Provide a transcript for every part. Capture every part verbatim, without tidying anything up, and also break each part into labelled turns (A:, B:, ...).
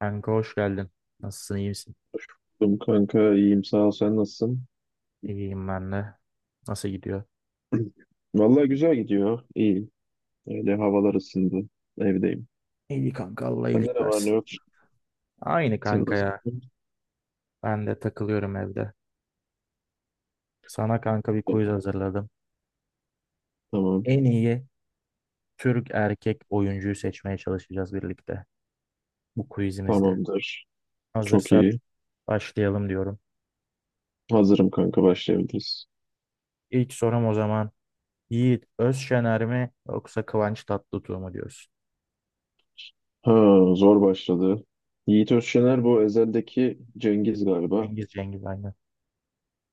A: Kanka hoş geldin. Nasılsın, iyi misin?
B: Buldum kanka iyiyim sağ ol, sen nasılsın?
A: İyiyim ben de. Nasıl gidiyor?
B: Vallahi güzel gidiyor, iyiyim. Öyle havalar ısındı, evdeyim.
A: İyi kanka, Allah
B: Sende
A: iyilik
B: ne var ne
A: versin.
B: yok?
A: Aynı
B: Sen
A: kanka ya.
B: nasılsın?
A: Ben de takılıyorum evde. Sana kanka bir
B: Evet.
A: quiz hazırladım.
B: Tamam
A: En iyi Türk erkek oyuncuyu seçmeye çalışacağız birlikte bu quizimizde.
B: tamamdır. Çok
A: Hazırsan
B: iyi.
A: başlayalım diyorum.
B: Hazırım kanka, başlayabiliriz.
A: İlk sorum o zaman Yiğit Özşener mi yoksa Kıvanç Tatlıtuğ mu diyorsun?
B: Ha, zor başladı. Yiğit Özşener bu Ezel'deki Cengiz galiba.
A: Cengiz Cengiz aynı.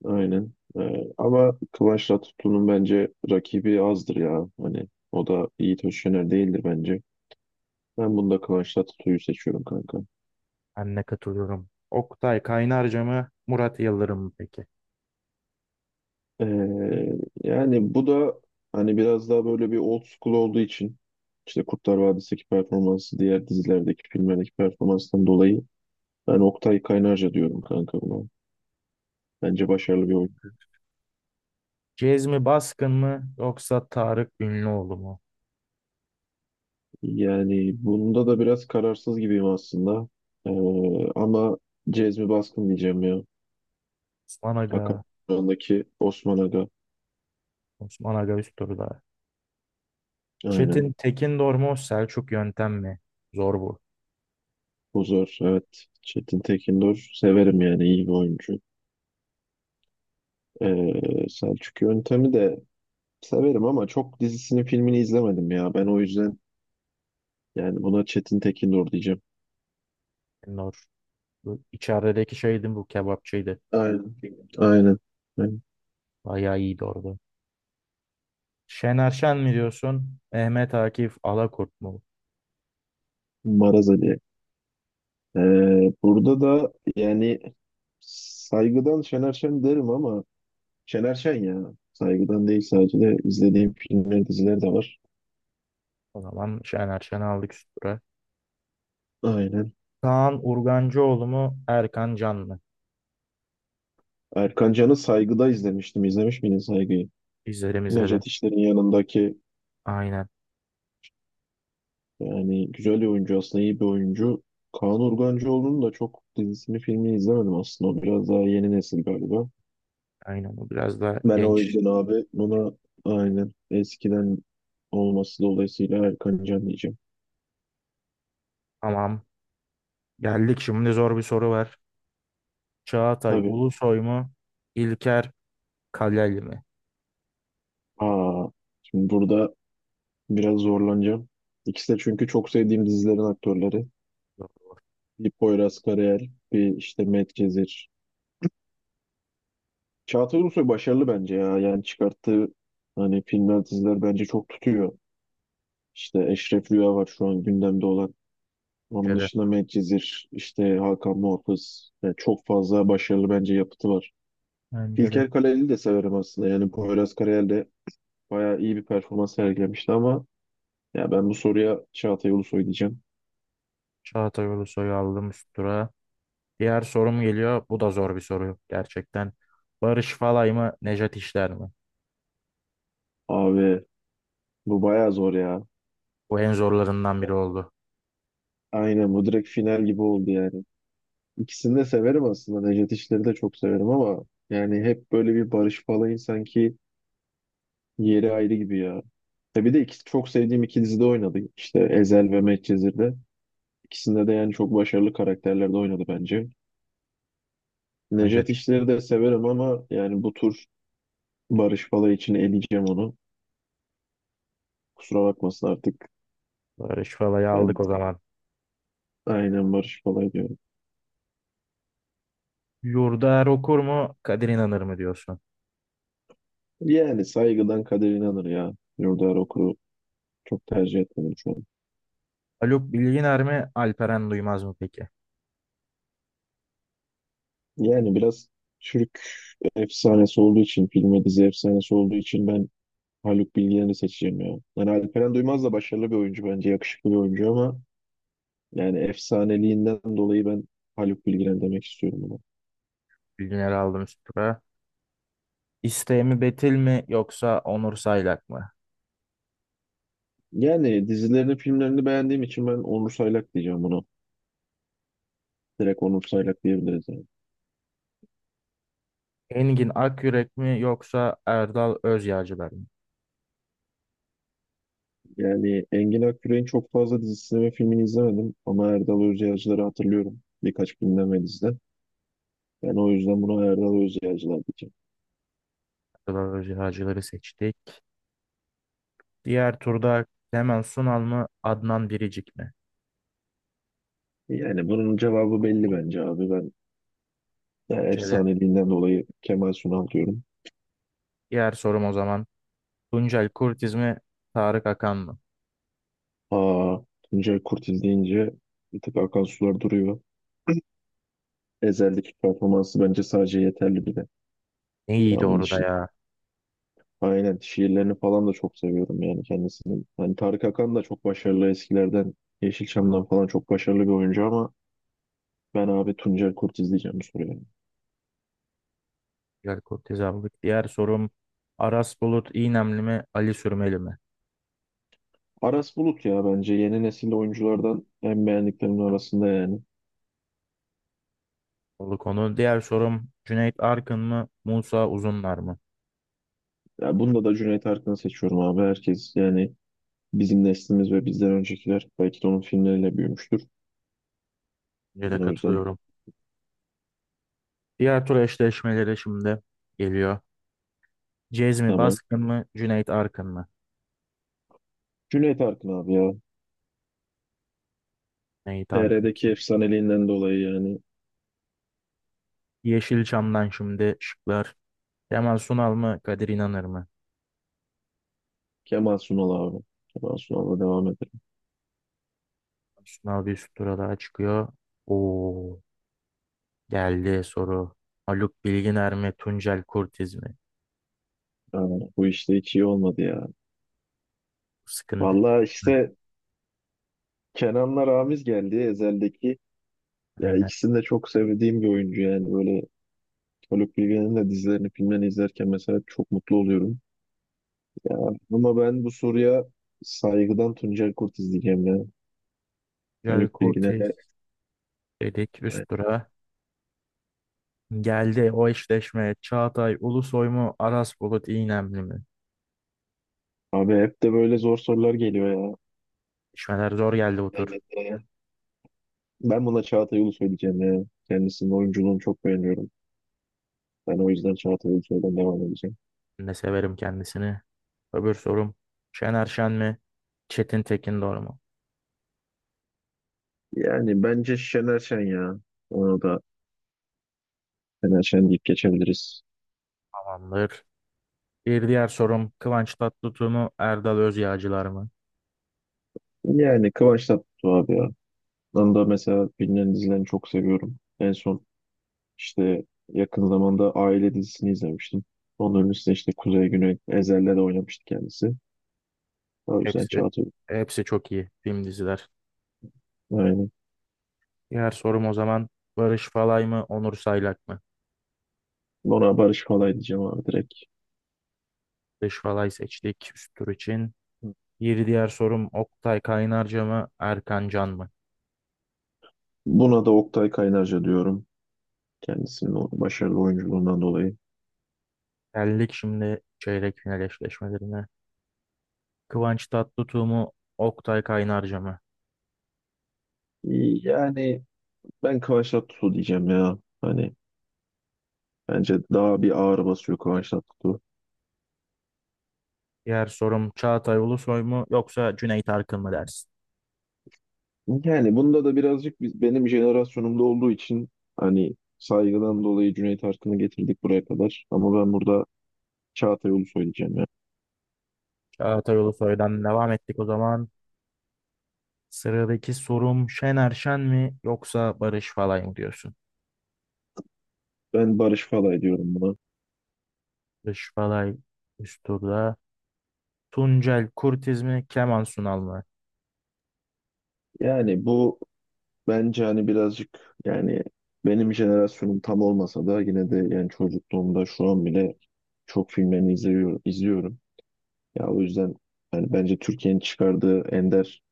B: Aynen. Ee, ama Kıvanç Tatlıtuğ'un bence rakibi azdır ya. Hani o da Yiğit Özşener değildir bence. Ben bunda Kıvanç Tatlıtuğ'u seçiyorum kanka.
A: Ben de katılıyorum. Oktay Kaynarca mı Murat Yıldırım mı peki?
B: Ee, yani bu da hani biraz daha böyle bir old school olduğu için işte Kurtlar Vadisi'ndeki performansı, diğer dizilerdeki filmlerdeki performanstan dolayı ben Oktay Kaynarca diyorum kanka buna. Bence başarılı bir oyun.
A: Cezmi Baskın mı yoksa Tarık Ünlüoğlu mu?
B: Yani bunda da biraz kararsız gibiyim aslında. Ee, ama Cezmi Baskın diyeceğim ya.
A: Osman
B: Akan
A: Aga,
B: Kur'an'daki Osman Aga.
A: Osman Aga üst turda.
B: Aynen.
A: Çetin Tekindor mu Selçuk Yöntem mi? Zor bu.
B: Bu zor. Evet. Çetin Tekindor. Severim yani, iyi bir oyuncu. Ee, Selçuk Yöntem'i de severim ama çok dizisini filmini izlemedim ya. Ben o yüzden yani buna Çetin Tekindor diyeceğim.
A: Tekindor. Bu içerideki şeydi, bu kebapçıydı.
B: Aynen. Aynen. Aynen.
A: Bayağı iyiydi orada. Şener Şen mi diyorsun? Mehmet Akif Alakurt mu?
B: Maraz Ali. Ee, burada da yani saygıdan Şener Şen derim ama Şener Şen ya. Saygıdan değil, sadece de izlediğim filmler, diziler de var.
A: O zaman Şener Şen'i aldık üst tura.
B: Aynen.
A: Kaan Urgancıoğlu mu Erkan Can mı?
B: Erkan Can'ı Saygı'da izlemiştim. İzlemiş miydin Saygı'yı?
A: İzledim izledim.
B: Nejat İşler'in yanındaki.
A: Aynen.
B: Yani güzel bir oyuncu aslında, iyi bir oyuncu. Kaan Urgancıoğlu'nun da çok dizisini filmini izlemedim aslında. O biraz daha yeni nesil galiba.
A: Aynen. Bu biraz da
B: Ben o
A: genç.
B: yüzden abi buna, aynen eskiden olması dolayısıyla, Erkan Can diyeceğim.
A: Tamam. Geldik şimdi, zor bir soru var. Çağatay
B: Tabii.
A: Ulusoy mu? İlker Kaleli mi?
B: Aa, şimdi burada biraz zorlanacağım. İkisi de çünkü çok sevdiğim dizilerin aktörleri. Bir Poyraz Karayel, bir işte Medcezir. Çağatay Ulusoy başarılı bence ya. Yani çıkarttığı hani filmler, diziler bence çok tutuyor. İşte Eşref Rüya var şu an gündemde olan. Onun
A: Bence de.
B: dışında Medcezir, işte Hakan Muhafız. Yani çok fazla başarılı bence yapıtı var.
A: Bence de.
B: İlker Kaleli'yi de severim aslında. Yani Poyraz Karayel de bayağı iyi bir performans sergilemişti ama ya, ben bu soruya Çağatay Ulusoy diyeceğim.
A: Çağatay Ulusoy'u aldım üst tura. Diğer sorum geliyor. Bu da zor bir soru gerçekten. Barış Falay mı? Nejat İşler mi?
B: Abi bu bayağı zor ya.
A: Bu en zorlarından biri oldu.
B: Aynen, bu direkt final gibi oldu yani. İkisini de severim aslında. Necdet İşler'i de çok severim ama yani hep böyle bir Barış Falay'ın sanki yeri ayrı gibi ya. E bir de ikisi çok sevdiğim iki dizide oynadı. İşte Ezel ve Medcezir'de. İkisinde de yani çok başarılı karakterlerde oynadı bence.
A: Bence
B: Nejat
A: çok-
B: İşler'i de severim ama yani bu tur Barış Palay için eleyeceğim onu. Kusura bakmasın artık.
A: Barış Falay'ı aldık
B: Ben
A: o zaman.
B: aynen Barış Palay diyorum.
A: Yurdaer Okur mu? Kadir İnanır mı diyorsun?
B: Yani saygıdan kader inanır ya. Yurdaer Okur'u çok tercih etmedim şu an.
A: Haluk Bilginer mi? Alperen Duymaz mı peki?
B: Yani biraz Türk efsanesi olduğu için, film ve dizi efsanesi olduğu için ben Haluk Bilginer'i seçeceğim ya. Yani Alperen Duymaz da başarılı bir oyuncu bence, yakışıklı bir oyuncu ama yani efsaneliğinden dolayı ben Haluk Bilginer demek istiyorum buna.
A: Bilginer'i aldım üst tura. İsteği mi Betil mi yoksa Onur Saylak mı?
B: Yani dizilerini, filmlerini beğendiğim için ben Onur Saylak diyeceğim buna. Direkt Onur Saylak diyebiliriz yani.
A: Engin Akyürek mi yoksa Erdal Özyağcılar mı?
B: Yani Engin Akgürel'in çok fazla dizisini ve filmini izlemedim ama Erdal Özyağcılar'ı hatırlıyorum birkaç filmden ve diziden. Ben o yüzden buna Erdal Özyağcılar diyeceğim.
A: Erdal Özyağcıları seçtik. Diğer turda Clement Sunal mı Adnan Biricik mi?
B: Yani bunun cevabı belli bence abi. Ben ya
A: Bence de.
B: efsaneliğinden dolayı Kemal Sunal diyorum.
A: Diğer sorum o zaman Tuncel Kurtiz mi Tarık Akan mı?
B: Aa, Tuncay Kurtiz deyince bir tık akan sular duruyor. Ezel'deki performansı bence sadece yeterli bile.
A: Ne iyiydi
B: Devamın
A: orada
B: için.
A: ya.
B: Aynen. Şiirlerini falan da çok seviyorum yani kendisini. Hani Tarık Akan da çok başarılı eskilerden. Yeşilçam'dan falan çok başarılı bir oyuncu ama ben abi Tuncel Kurtiz diyeceğim bu soruya.
A: Tuncel Kurtiz aldık. Diğer sorum Aras Bulut İynemli mi Ali Sürmeli mi?
B: Aras Bulut ya, bence yeni nesil oyunculardan en beğendiklerimin arasında yani.
A: Oldu konu. Diğer sorum Cüneyt Arkın mı Musa Uzunlar mı?
B: Ya bunda da Cüneyt Arkın'ı seçiyorum abi. Herkes yani bizim neslimiz ve bizden öncekiler belki de onun filmleriyle büyümüştür.
A: Bence de
B: Ben o yüzden
A: katılıyorum. Diğer tur eşleşmeleri şimdi geliyor. Cezmi
B: tamam.
A: Baskın mı Cüneyt Arkın mı?
B: Cüneyt Arkın abi ya.
A: Neyi Tarık'ın
B: T R'deki
A: seçtik.
B: efsaneliğinden dolayı yani
A: Yeşilçam'dan şimdi şıklar. Kemal Sunal mı Kadir İnanır mı?
B: Kemal Sunal abi. Kemal Sunal'la devam edelim.
A: Sunal bir üst tura daha çıkıyor. Oo, geldi soru. Haluk Bilginer mi Tuncel Kurtiz mi?
B: Aa, bu işte hiç iyi olmadı ya.
A: Sıkıntı
B: Vallahi
A: çekme.
B: işte Kenan'la Ramiz geldi Ezel'deki. Ya
A: Aynen.
B: ikisini de çok sevdiğim bir oyuncu yani böyle. Haluk Bilginer'in de dizilerini, filmlerini izlerken mesela çok mutlu oluyorum. Ya, ama ben bu soruya saygıdan Tuncel Kurt izleyeceğim ya.
A: Tuncel
B: Haluk
A: Kurtiz
B: Bilginer'e.
A: dedik üst
B: Evet.
A: tura. Geldi o eşleşme. Çağatay Ulusoy mu Aras Bulut İynemli mi?
B: Abi hep de böyle zor sorular geliyor ya.
A: İşmeler zor geldi bu tur.
B: Yani, e, ben buna Çağatay Ulusoy diyeceğim ya. Kendisinin oyunculuğunu çok beğeniyorum. Ben o yüzden Çağatay Ulusoy'dan devam edeceğim.
A: Ben de severim kendisini. Öbür sorum. Şener Şen mi? Çetin Tekin doğru mu?
B: Yani bence Şener Şen ya. Onu da Şener Şen deyip geçebiliriz.
A: Tamamdır. Bir diğer sorum Kıvanç Tatlıtuğ mu Erdal Özyağcılar mı?
B: Yani Kıvanç Tatlıtuğ abi ya. Ben da mesela bilinen dizilerini çok seviyorum. En son işte yakın zamanda Aile dizisini izlemiştim. Onun öncesinde işte Kuzey Güney Ezel'le de oynamıştı kendisi. O yüzden
A: Hepsi
B: Çağatay.
A: hepsi çok iyi film diziler.
B: Aynen.
A: Diğer sorum o zaman Barış Falay mı Onur Saylak mı?
B: Ona Barış Falay diyeceğim abi direkt.
A: Barış Falay seçtik üst tur için. Bir diğer sorum Oktay Kaynarca mı Erkan Can mı?
B: Buna da Oktay Kaynarca diyorum. Kendisinin o başarılı oyunculuğundan dolayı.
A: Geldik şimdi çeyrek final eşleşmelerine. Kıvanç Tatlıtuğ mu Oktay Kaynarca mı?
B: Yani ben Kıvanç Tatlıtuğ diyeceğim ya. Hani bence daha bir ağır basıyor Kıvanç Tatlıtuğ.
A: Diğer sorum Çağatay Ulusoy mu yoksa Cüneyt Arkın mı dersin?
B: Yani bunda da birazcık biz, benim jenerasyonumda olduğu için hani saygıdan dolayı Cüneyt Arkın'ı getirdik buraya kadar. Ama ben burada Çağatay Ulusoy söyleyeceğim ya.
A: Çağatay Ulusoy'dan devam ettik o zaman. Sıradaki sorum Şener Şen mi yoksa Barış Falay mı diyorsun?
B: Ben Barış Falay diyorum buna.
A: Barış Falay üst turda. Tuncel Kurtiz mi Kemal Sunal mı?
B: Yani bu bence hani birazcık yani benim jenerasyonum tam olmasa da yine de yani çocukluğumda şu an bile çok filmlerini izliyorum, izliyorum. Ya o yüzden yani bence Türkiye'nin çıkardığı ender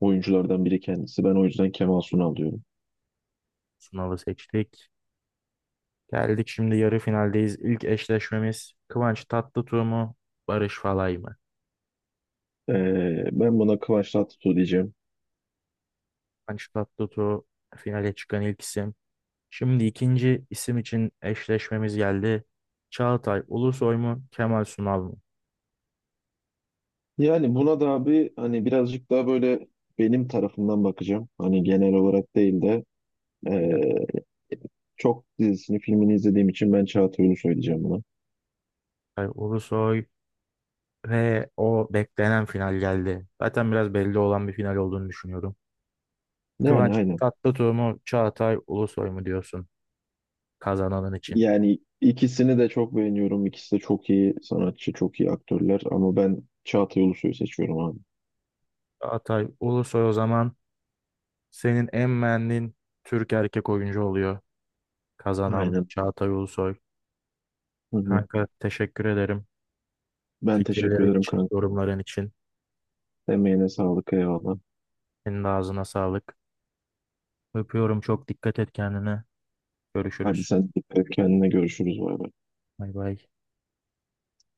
B: oyunculardan biri kendisi. Ben o yüzden Kemal Sunal diyorum.
A: Sunal'ı seçtik. Geldik şimdi, yarı finaldeyiz. İlk eşleşmemiz Kıvanç Tatlıtuğ mu Barış Falay mı?
B: Ee, ben buna Kıvanç Tatlıtuğ diyeceğim.
A: Kıvanç Tatlıtuğ finale çıkan ilk isim. Şimdi ikinci isim için eşleşmemiz geldi. Çağatay Ulusoy mu Kemal Sunal mı?
B: Yani buna da abi hani birazcık daha böyle benim tarafından bakacağım. Hani genel olarak değil de
A: Aynen.
B: ee, çok dizisini filmini izlediğim için ben Çağatay Ulusoy diyeceğim buna.
A: Çağatay Ulusoy. Ve o beklenen final geldi. Zaten biraz belli olan bir final olduğunu düşünüyorum.
B: Yani
A: Kıvanç
B: aynen.
A: Tatlıtuğ mu Çağatay Ulusoy mu diyorsun kazananın için?
B: Yani ikisini de çok beğeniyorum. İkisi de çok iyi sanatçı, çok iyi aktörler ama ben Çağatay Ulusoy'u seçiyorum abi.
A: Çağatay Ulusoy o zaman senin en beğendiğin Türk erkek oyuncu oluyor. Kazanan
B: Aynen.
A: Çağatay Ulusoy.
B: Hı hı.
A: Kanka teşekkür ederim
B: Ben teşekkür
A: fikirlerin
B: ederim
A: için,
B: kanka.
A: yorumların için.
B: Emeğine sağlık, eyvallah.
A: Senin de ağzına sağlık. Öpüyorum, çok dikkat et kendine.
B: Hadi
A: Görüşürüz.
B: sen dikkat et kendine, görüşürüz, bay bay.
A: Bay bay.